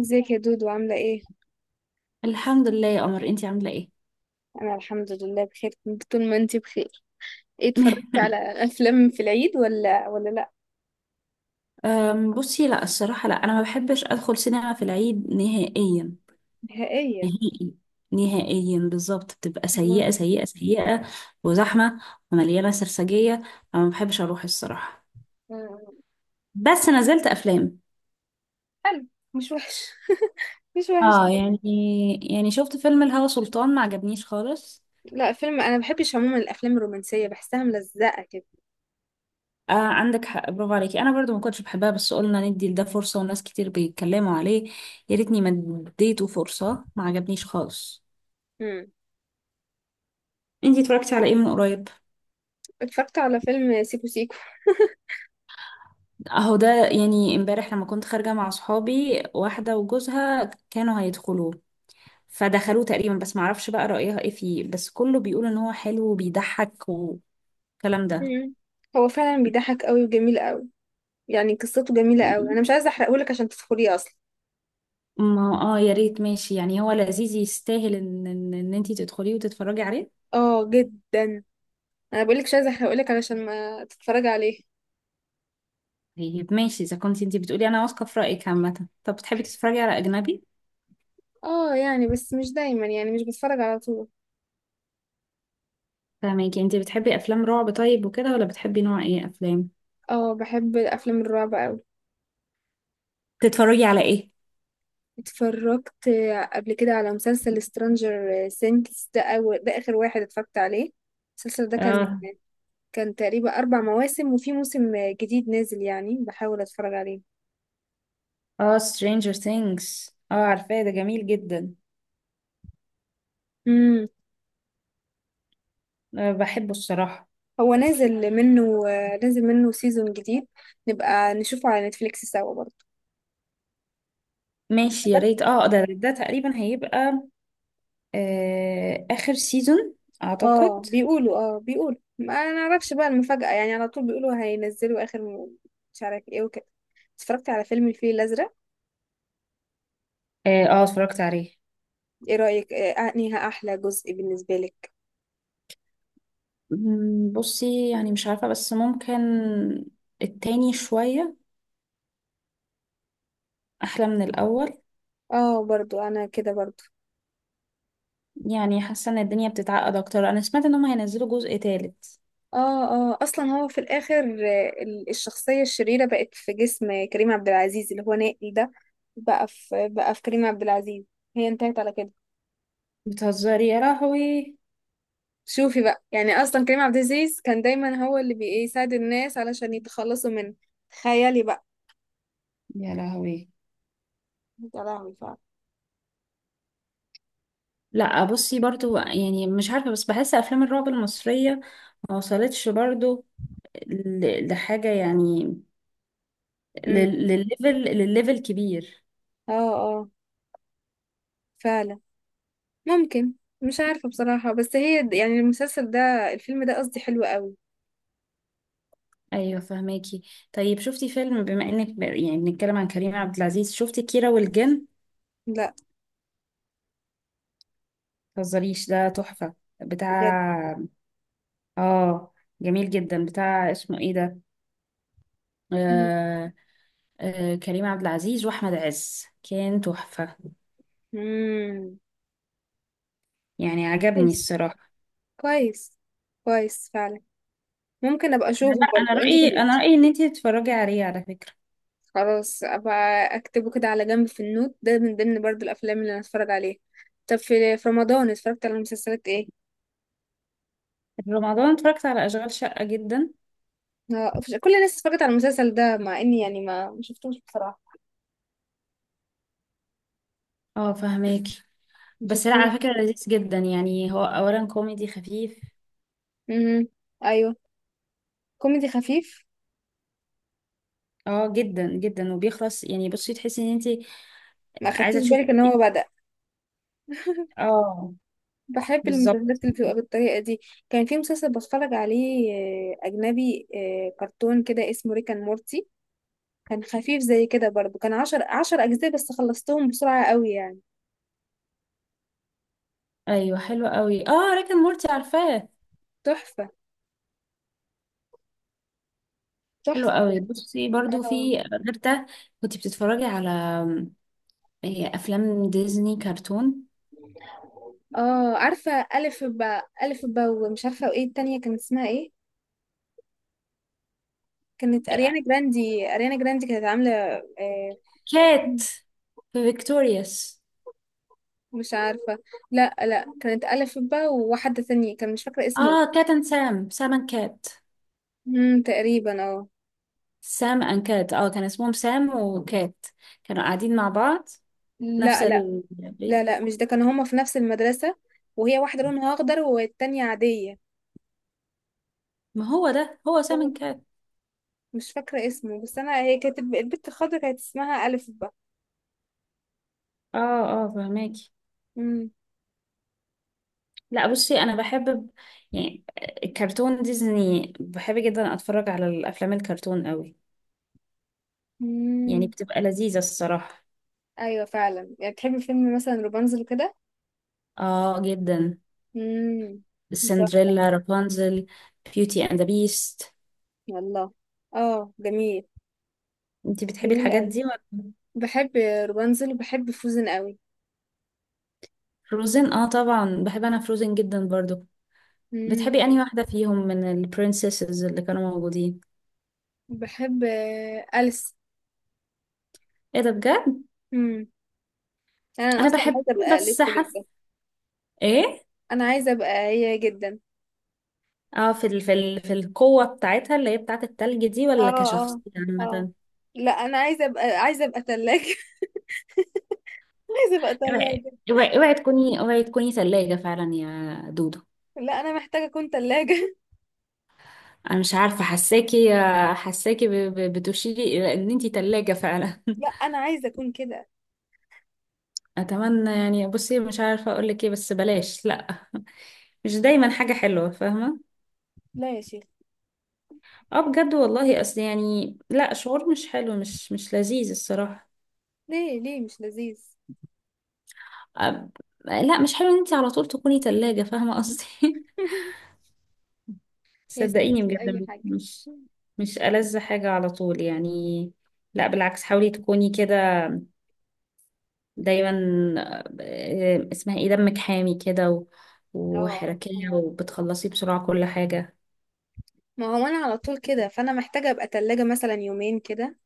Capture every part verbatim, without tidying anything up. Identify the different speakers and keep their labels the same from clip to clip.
Speaker 1: ازيك يا دودو؟ عاملة ايه؟
Speaker 2: الحمد لله يا قمر، انتي عاملة ايه؟
Speaker 1: أنا الحمد لله بخير، كنت طول ما انتي بخير. ايه، اتفرجتي على أفلام في العيد ولا ولا لأ؟
Speaker 2: أم، بصي لا الصراحة، لا انا ما بحبش ادخل سينما في العيد نهائيا.
Speaker 1: نهائيا.
Speaker 2: نهائي. نهائيا بالظبط، بتبقى سيئة
Speaker 1: مم.
Speaker 2: سيئة سيئة وزحمة ومليانة سرسجية، فما بحبش اروح الصراحة.
Speaker 1: مم.
Speaker 2: بس نزلت افلام.
Speaker 1: حلو، مش وحش. مش وحش.
Speaker 2: اه يعني، يعني شفت فيلم الهوى سلطان، ما عجبنيش خالص.
Speaker 1: لا، فيلم أنا بحبش عموما الأفلام الرومانسية، بحسها ملزقة كده.
Speaker 2: آه عندك حق، برافو عليكي، انا برضو ما كنتش بحبها، بس قلنا ندي لده فرصة وناس كتير بيتكلموا عليه. يا ريتني ما اديته فرصة، ما عجبنيش خالص.
Speaker 1: مم.
Speaker 2: انتي اتفرجتي على ايه من قريب؟
Speaker 1: اتفرجت على فيلم سيكو سيكو.
Speaker 2: اهو ده يعني امبارح لما كنت خارجة مع صحابي، واحدة وجوزها كانوا هيدخلوه فدخلوه تقريبا، بس معرفش بقى رأيها ايه فيه، بس كله بيقول ان هو حلو وبيضحك والكلام ده.
Speaker 1: مم. هو فعلا بيضحك قوي وجميل قوي، يعني قصته جميلة قوي. أنا مش عايزة أحرقهولك عشان تدخليه أصلا.
Speaker 2: ما اه، يا ريت، ماشي يعني هو لذيذ، يستاهل ان ان ان انتي تدخليه وتتفرجي عليه.
Speaker 1: اه جدا. أنا بقولك مش عايزة أحرقهولك علشان ما تتفرجي عليه.
Speaker 2: طيب ماشي، اذا كنت انتي بتقولي انا واثقة في رأيك عامة. طب بتحبي تتفرجي على اجنبي؟
Speaker 1: اه يعني، بس مش دايما، يعني مش بتفرج على طول.
Speaker 2: فاهمك. انتي بتحبي افلام رعب طيب وكده، ولا بتحبي نوع ايه افلام؟
Speaker 1: اه بحب الافلام الرعب قوي.
Speaker 2: تتفرجي على ايه؟
Speaker 1: اتفرجت قبل كده على مسلسل سترانجر سينكس. ده أول ده اخر واحد اتفرجت عليه. المسلسل ده كان
Speaker 2: اه.
Speaker 1: كان تقريبا اربع مواسم، وفي موسم جديد نازل يعني بحاول اتفرج عليه.
Speaker 2: اه Stranger Things، اه عارفاه، ده جميل جدا.
Speaker 1: امم.
Speaker 2: أه بحبه الصراحة.
Speaker 1: هو نازل منه نازل منه سيزون جديد. نبقى نشوفه على نتفليكس سوا برضه.
Speaker 2: ماشي، يا ريت. اه ده ده تقريبا هيبقى آه آخر سيزون أعتقد.
Speaker 1: اه بيقولوا اه بيقولوا، ما نعرفش بقى المفاجأة. يعني على طول بيقولوا هينزلوا اخر م- مش عارف ايه وكده. اتفرجت على فيلم الفيل الأزرق.
Speaker 2: اه، آه، اتفرجت عليه.
Speaker 1: ايه رأيك، آه، انهي احلى جزء بالنسبة لك؟
Speaker 2: مم، بصي يعني مش عارفة، بس ممكن التاني شوية أحلى من الأول.
Speaker 1: اه برضو انا كده برضو.
Speaker 2: يعني حاسة إن الدنيا بتتعقد أكتر. أنا سمعت إنهم هينزلوا جزء تالت.
Speaker 1: اه اه، اصلا هو في الاخر آه، ال- الشخصية الشريرة بقت في جسم كريم عبد العزيز اللي هو نائل ده. بقى في بقى في كريم عبد العزيز. هي انتهت على كده.
Speaker 2: بتهزري يا لهوي!
Speaker 1: شوفي بقى، يعني اصلا كريم عبد العزيز كان دايما هو اللي بيساعد الناس علشان يتخلصوا من. تخيلي بقى.
Speaker 2: يا لهوي!
Speaker 1: يا لهوي فعلا.
Speaker 2: لا بصي، برضو يعني مش عارفة، بس بحس أفلام الرعب المصرية ما وصلتش برضو ل- لحاجة يعني،
Speaker 1: مم.
Speaker 2: لل- للليفل، للليفل كبير.
Speaker 1: اه اه فعلا. ممكن. مش عارفة بصراحة، بس هي د- يعني المسلسل ده الفيلم ده قصدي حلو قوي.
Speaker 2: ايوه فهماكي. طيب شفتي فيلم، بما انك ب- يعني بنتكلم عن كريم عبد العزيز، شفتي كيرة والجن؟
Speaker 1: لا
Speaker 2: متهزريش، ده تحفة!
Speaker 1: بجد.
Speaker 2: بتاع، اه، جميل جدا، بتاع اسمه ايه ده؟
Speaker 1: مم.
Speaker 2: آه... آه... كريم عبد العزيز واحمد عز، كان تحفة.
Speaker 1: مم.
Speaker 2: يعني عجبني
Speaker 1: كويس.
Speaker 2: الصراحة.
Speaker 1: كويس. كويس فعلا. ممكن ابقى اشوفه
Speaker 2: لا،
Speaker 1: برضه،
Speaker 2: انا
Speaker 1: انت
Speaker 2: رأيي،
Speaker 1: تبقي
Speaker 2: انا
Speaker 1: تشوفي.
Speaker 2: رأيي ان انتي تتفرجي عليه على فكرة.
Speaker 1: خلاص ابقى اكتبه كده على جنب في النوت ده، من ضمن برضه الافلام اللي انا اتفرج عليها. طب، في في رمضان اتفرجت على مسلسلات ايه؟
Speaker 2: في رمضان اتفرجت على اشغال شقة، جدا.
Speaker 1: آه، مفيش- كل الناس اتفرجت على المسلسل ده، مع اني يعني ما ما شفتوش بصراحة.
Speaker 2: اه فهماكي.
Speaker 1: ما
Speaker 2: بس لا،
Speaker 1: شفتوش.
Speaker 2: على فكرة لذيذ جدا. يعني هو اولا كوميدي خفيف.
Speaker 1: امم. ايوه. كوميدي خفيف.
Speaker 2: اه جدا جدا. وبيخلص، يعني بصي تحسي ان انت
Speaker 1: ما خدتش
Speaker 2: عايزة
Speaker 1: بالك ان
Speaker 2: تشوفي.
Speaker 1: هو بدأ.
Speaker 2: اه
Speaker 1: بحب المسلسلات
Speaker 2: بالظبط.
Speaker 1: اللي بتبقى بالطريقة دي. كان في مسلسل بتفرج عليه آه، أجنبي، آه، كرتون كده اسمه ريكان مورتي. كان خفيف زي كده برضه، كان عشر عشر أجزاء بس، خلصتهم بسرعة قوي يعني.
Speaker 2: ايوه حلو قوي، اه ريك اند مورتي عارفاه.
Speaker 1: تحفة.
Speaker 2: حلو
Speaker 1: تحفة بجد.
Speaker 2: قوي. بصي برضو،
Speaker 1: اه
Speaker 2: في غير ده كنت بتتفرجي على آم، إيه، افلام ديزني كرتون؟
Speaker 1: اه عارفة. ألف با، ألف با ومش عارفة. وإيه التانية كان اسمها إيه؟ كانت أريانا جراندي أريانا جراندي كانت عاملة آه.
Speaker 2: كات في فيكتوريوس.
Speaker 1: مش عارفة. لا لا، كانت ألف با وواحدة تانية كان مش فاكرة اسمه.
Speaker 2: اه كات اند سام، سام اند كات.
Speaker 1: مم، تقريبا اه.
Speaker 2: سام اند كات، اه كان اسمهم سام وكات، كانوا قاعدين مع بعض، نفس
Speaker 1: لا لا
Speaker 2: ال…
Speaker 1: لا لا، مش ده. كانوا هما في نفس المدرسة، وهي واحدة لونها أخضر والتانية عادية.
Speaker 2: ما هو ده، هو سامن
Speaker 1: هو
Speaker 2: كات.
Speaker 1: مش فاكرة اسمه، بس أنا هي كانت الب- البت الخضرا كانت اسمها ألف بقى.
Speaker 2: اه. اه فهماكي.
Speaker 1: مم.
Speaker 2: لا بصي، انا بحب يعني الكرتون ديزني، بحب جدا اتفرج على الافلام الكرتون قوي. يعني
Speaker 1: مم.
Speaker 2: بتبقى لذيذة الصراحة.
Speaker 1: أيوة فعلا. يعني بتحبي فيلم مثلا روبانزل كده؟
Speaker 2: اه جدا.
Speaker 1: مم. تحفة.
Speaker 2: سندريلا، رابنزل، بيوتي اند ذا بيست.
Speaker 1: والله. اه جميل.
Speaker 2: انتي بتحبي
Speaker 1: جميل
Speaker 2: الحاجات
Speaker 1: أوي.
Speaker 2: دي ولا؟
Speaker 1: بحب روبانزل وبحب فوزن أوي.
Speaker 2: فروزن، اه طبعا بحب، انا فروزن جدا برضو.
Speaker 1: مم.
Speaker 2: بتحبي انهي واحدة فيهم من البرنسيسز اللي كانوا موجودين؟
Speaker 1: بحب آه، أليس.
Speaker 2: ايه ده بجد؟
Speaker 1: مم. أنا
Speaker 2: انا
Speaker 1: أصلا
Speaker 2: بحبهم
Speaker 1: عايزة أبقى أليس
Speaker 2: بس حاسة،
Speaker 1: جدا.
Speaker 2: ايه،
Speaker 1: أنا عايزة أبقى هي جدا.
Speaker 2: اه، في ال في ال في القوة بتاعتها اللي هي بتاعت التلج دي،
Speaker 1: اه
Speaker 2: ولا
Speaker 1: اه
Speaker 2: كشخصية
Speaker 1: اه،
Speaker 2: عامة؟
Speaker 1: لا انا عايزه ابقى عايزه ابقى ثلاجه. عايزه ابقى
Speaker 2: اوعي!
Speaker 1: ثلاجه.
Speaker 2: اوعي اوعي تكوني، اوعي تكوني ثلاجة فعلا يا دودو.
Speaker 1: لا انا محتاجه اكون ثلاجه.
Speaker 2: انا مش عارفة، حساكي، حساكي ب- ب- بتشيري الى ان انتي ثلاجة فعلا.
Speaker 1: لا انا عايزه اكون كده.
Speaker 2: اتمنى يعني. بصي مش عارفة اقولك ايه، بس بلاش، لا. مش دايما حاجة حلوة، فاهمة.
Speaker 1: لا يا شيخ.
Speaker 2: اه بجد والله، اصل يعني لا، شعور مش حلو، مش مش لذيذ الصراحة.
Speaker 1: ليه، ليه مش لذيذ؟
Speaker 2: أب- لا مش حلو ان انتي على طول تكوني ثلاجة، فاهمة قصدي.
Speaker 1: يا
Speaker 2: صدقيني
Speaker 1: سيدتي اي
Speaker 2: بجد،
Speaker 1: حاجه.
Speaker 2: مش مش ألذ حاجة على طول يعني. لا بالعكس، حاولي تكوني كده دايما، آه، اسمها ايه، دمك حامي كده و-
Speaker 1: اه آه،
Speaker 2: وحركية
Speaker 1: فهمت.
Speaker 2: وبتخلصي بسرعة كل حاجة.
Speaker 1: ما هو انا على طول كده، فانا محتاجه ابقى ثلاجه مثلا يومين كده،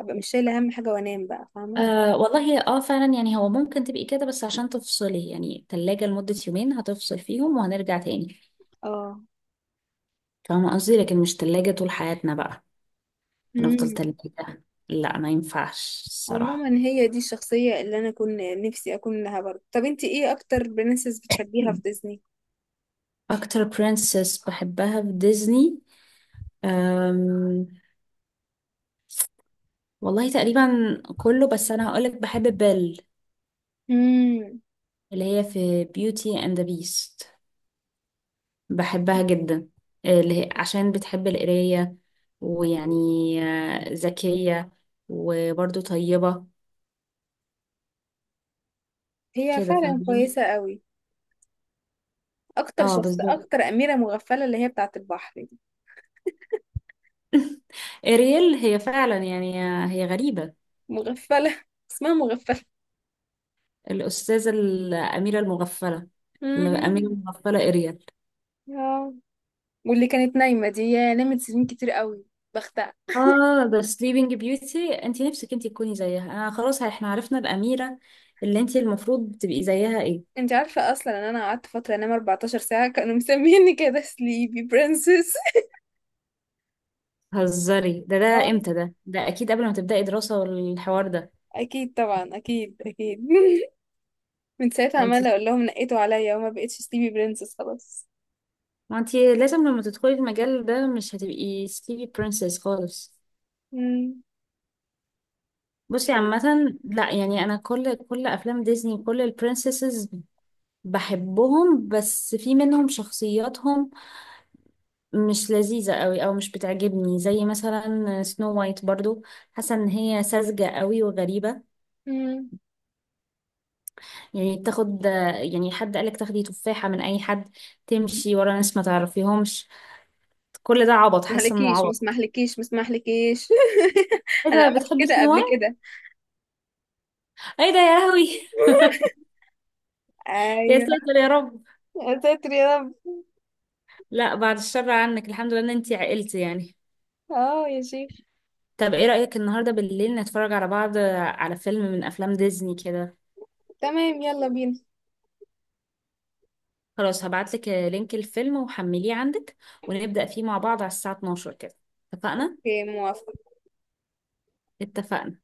Speaker 1: ابقى مش شايله هم حاجه وانام بقى فاهمه.
Speaker 2: آه والله اه فعلا، يعني هو ممكن تبقي كده، بس عشان تفصلي يعني، تلاجة لمدة يومين، هتفصل فيهم وهنرجع تاني.
Speaker 1: اه.
Speaker 2: فاهمة قصدي؟ لكن مش تلاجة طول حياتنا بقى. هنفضل
Speaker 1: امم.
Speaker 2: تلاجة، لا ما ينفعش الصراحة.
Speaker 1: عموما هي دي الشخصيه اللي انا كنت نفسي اكون لها برضه. طب انتي ايه اكتر برنسس بتحبيها في ديزني؟
Speaker 2: أكتر برنسس بحبها في ديزني؟ أم... والله تقريبا كله، بس انا هقولك بحب بيل،
Speaker 1: امم.
Speaker 2: اللي هي في بيوتي اند ذا بيست، بحبها جدا، اللي هي عشان بتحب القراية، ويعني آه، ذكية وبرضه طيبة.
Speaker 1: هي
Speaker 2: كده
Speaker 1: فعلا
Speaker 2: فاهماني.
Speaker 1: كويسة قوي. اكتر
Speaker 2: اه
Speaker 1: شخص
Speaker 2: بالظبط.
Speaker 1: اكتر اميرة مغفلة اللي هي بتاعة البحر دي.
Speaker 2: إريل، هي فعلا يعني آه، هي غريبة.
Speaker 1: مغفلة. اسمها مغفلة.
Speaker 2: الأستاذة الأميرة المغفلة، الأميرة
Speaker 1: مهم.
Speaker 2: المغفلة إريل.
Speaker 1: اه واللي كانت نايمة دي، يا نامت سنين كتير قوي، بختها.
Speaker 2: اه ده سليبنج بيوتي. انت نفسك انت تكوني زيها؟ انا خلاص احنا عرفنا الاميره اللي انت المفروض تبقي زيها، ايه.
Speaker 1: انت عارفة اصلا ان انا قعدت فترة انام أربعة عشر ساعة؟ كانوا مسميني كده سليبي برنسس.
Speaker 2: هزري. ده ده
Speaker 1: اه
Speaker 2: امتى ده ده اكيد قبل ما تبداي دراسه والحوار ده.
Speaker 1: اكيد طبعا، اكيد اكيد. من ساعتها
Speaker 2: ده انت!
Speaker 1: عمالة اقول لهم نقيتوا عليا وما بقتش سليبي برنسس خلاص.
Speaker 2: ما انت لازم لما تدخلي المجال ده، مش هتبقي سليبي برنسس خالص.
Speaker 1: مم.
Speaker 2: بصي
Speaker 1: يلا.
Speaker 2: عامه، لا يعني انا كل كل افلام ديزني، كل البرنسسز بحبهم، بس في منهم شخصياتهم مش لذيذة قوي، او مش بتعجبني، زي مثلا سنو وايت برضو، حاسة ان هي ساذجة قوي وغريبة.
Speaker 1: مم.
Speaker 2: يعني تاخد، يعني حد قالك تاخدي تفاحة من اي حد، تمشي ورا ناس ما تعرفيهمش؟ كل ده عبط، حاسة انه
Speaker 1: مهلكيش، ما
Speaker 2: عبط.
Speaker 1: اسمحلكيش، ما اسمحلكيش.
Speaker 2: ايه
Speaker 1: انا
Speaker 2: ده،
Speaker 1: عملت
Speaker 2: بتحبي
Speaker 1: كده
Speaker 2: سنو
Speaker 1: قبل
Speaker 2: وايت؟
Speaker 1: كده.
Speaker 2: ايه ده يا لهوي! يا
Speaker 1: ايوه.
Speaker 2: ساتر يا رب.
Speaker 1: يا ساتر يا رب.
Speaker 2: لا بعد الشر عنك، الحمد لله ان انتي عقلتي يعني.
Speaker 1: اه يا شيخ.
Speaker 2: طب ايه رأيك النهاردة بالليل نتفرج على بعض، على فيلم من افلام ديزني كده؟
Speaker 1: تمام يلا بينا.
Speaker 2: خلاص هبعتلك لينك الفيلم، وحمليه عندك، ونبدأ فيه مع بعض على الساعة اتناشر كده. اتفقنا؟
Speaker 1: اوكي موافقة.
Speaker 2: اتفقنا.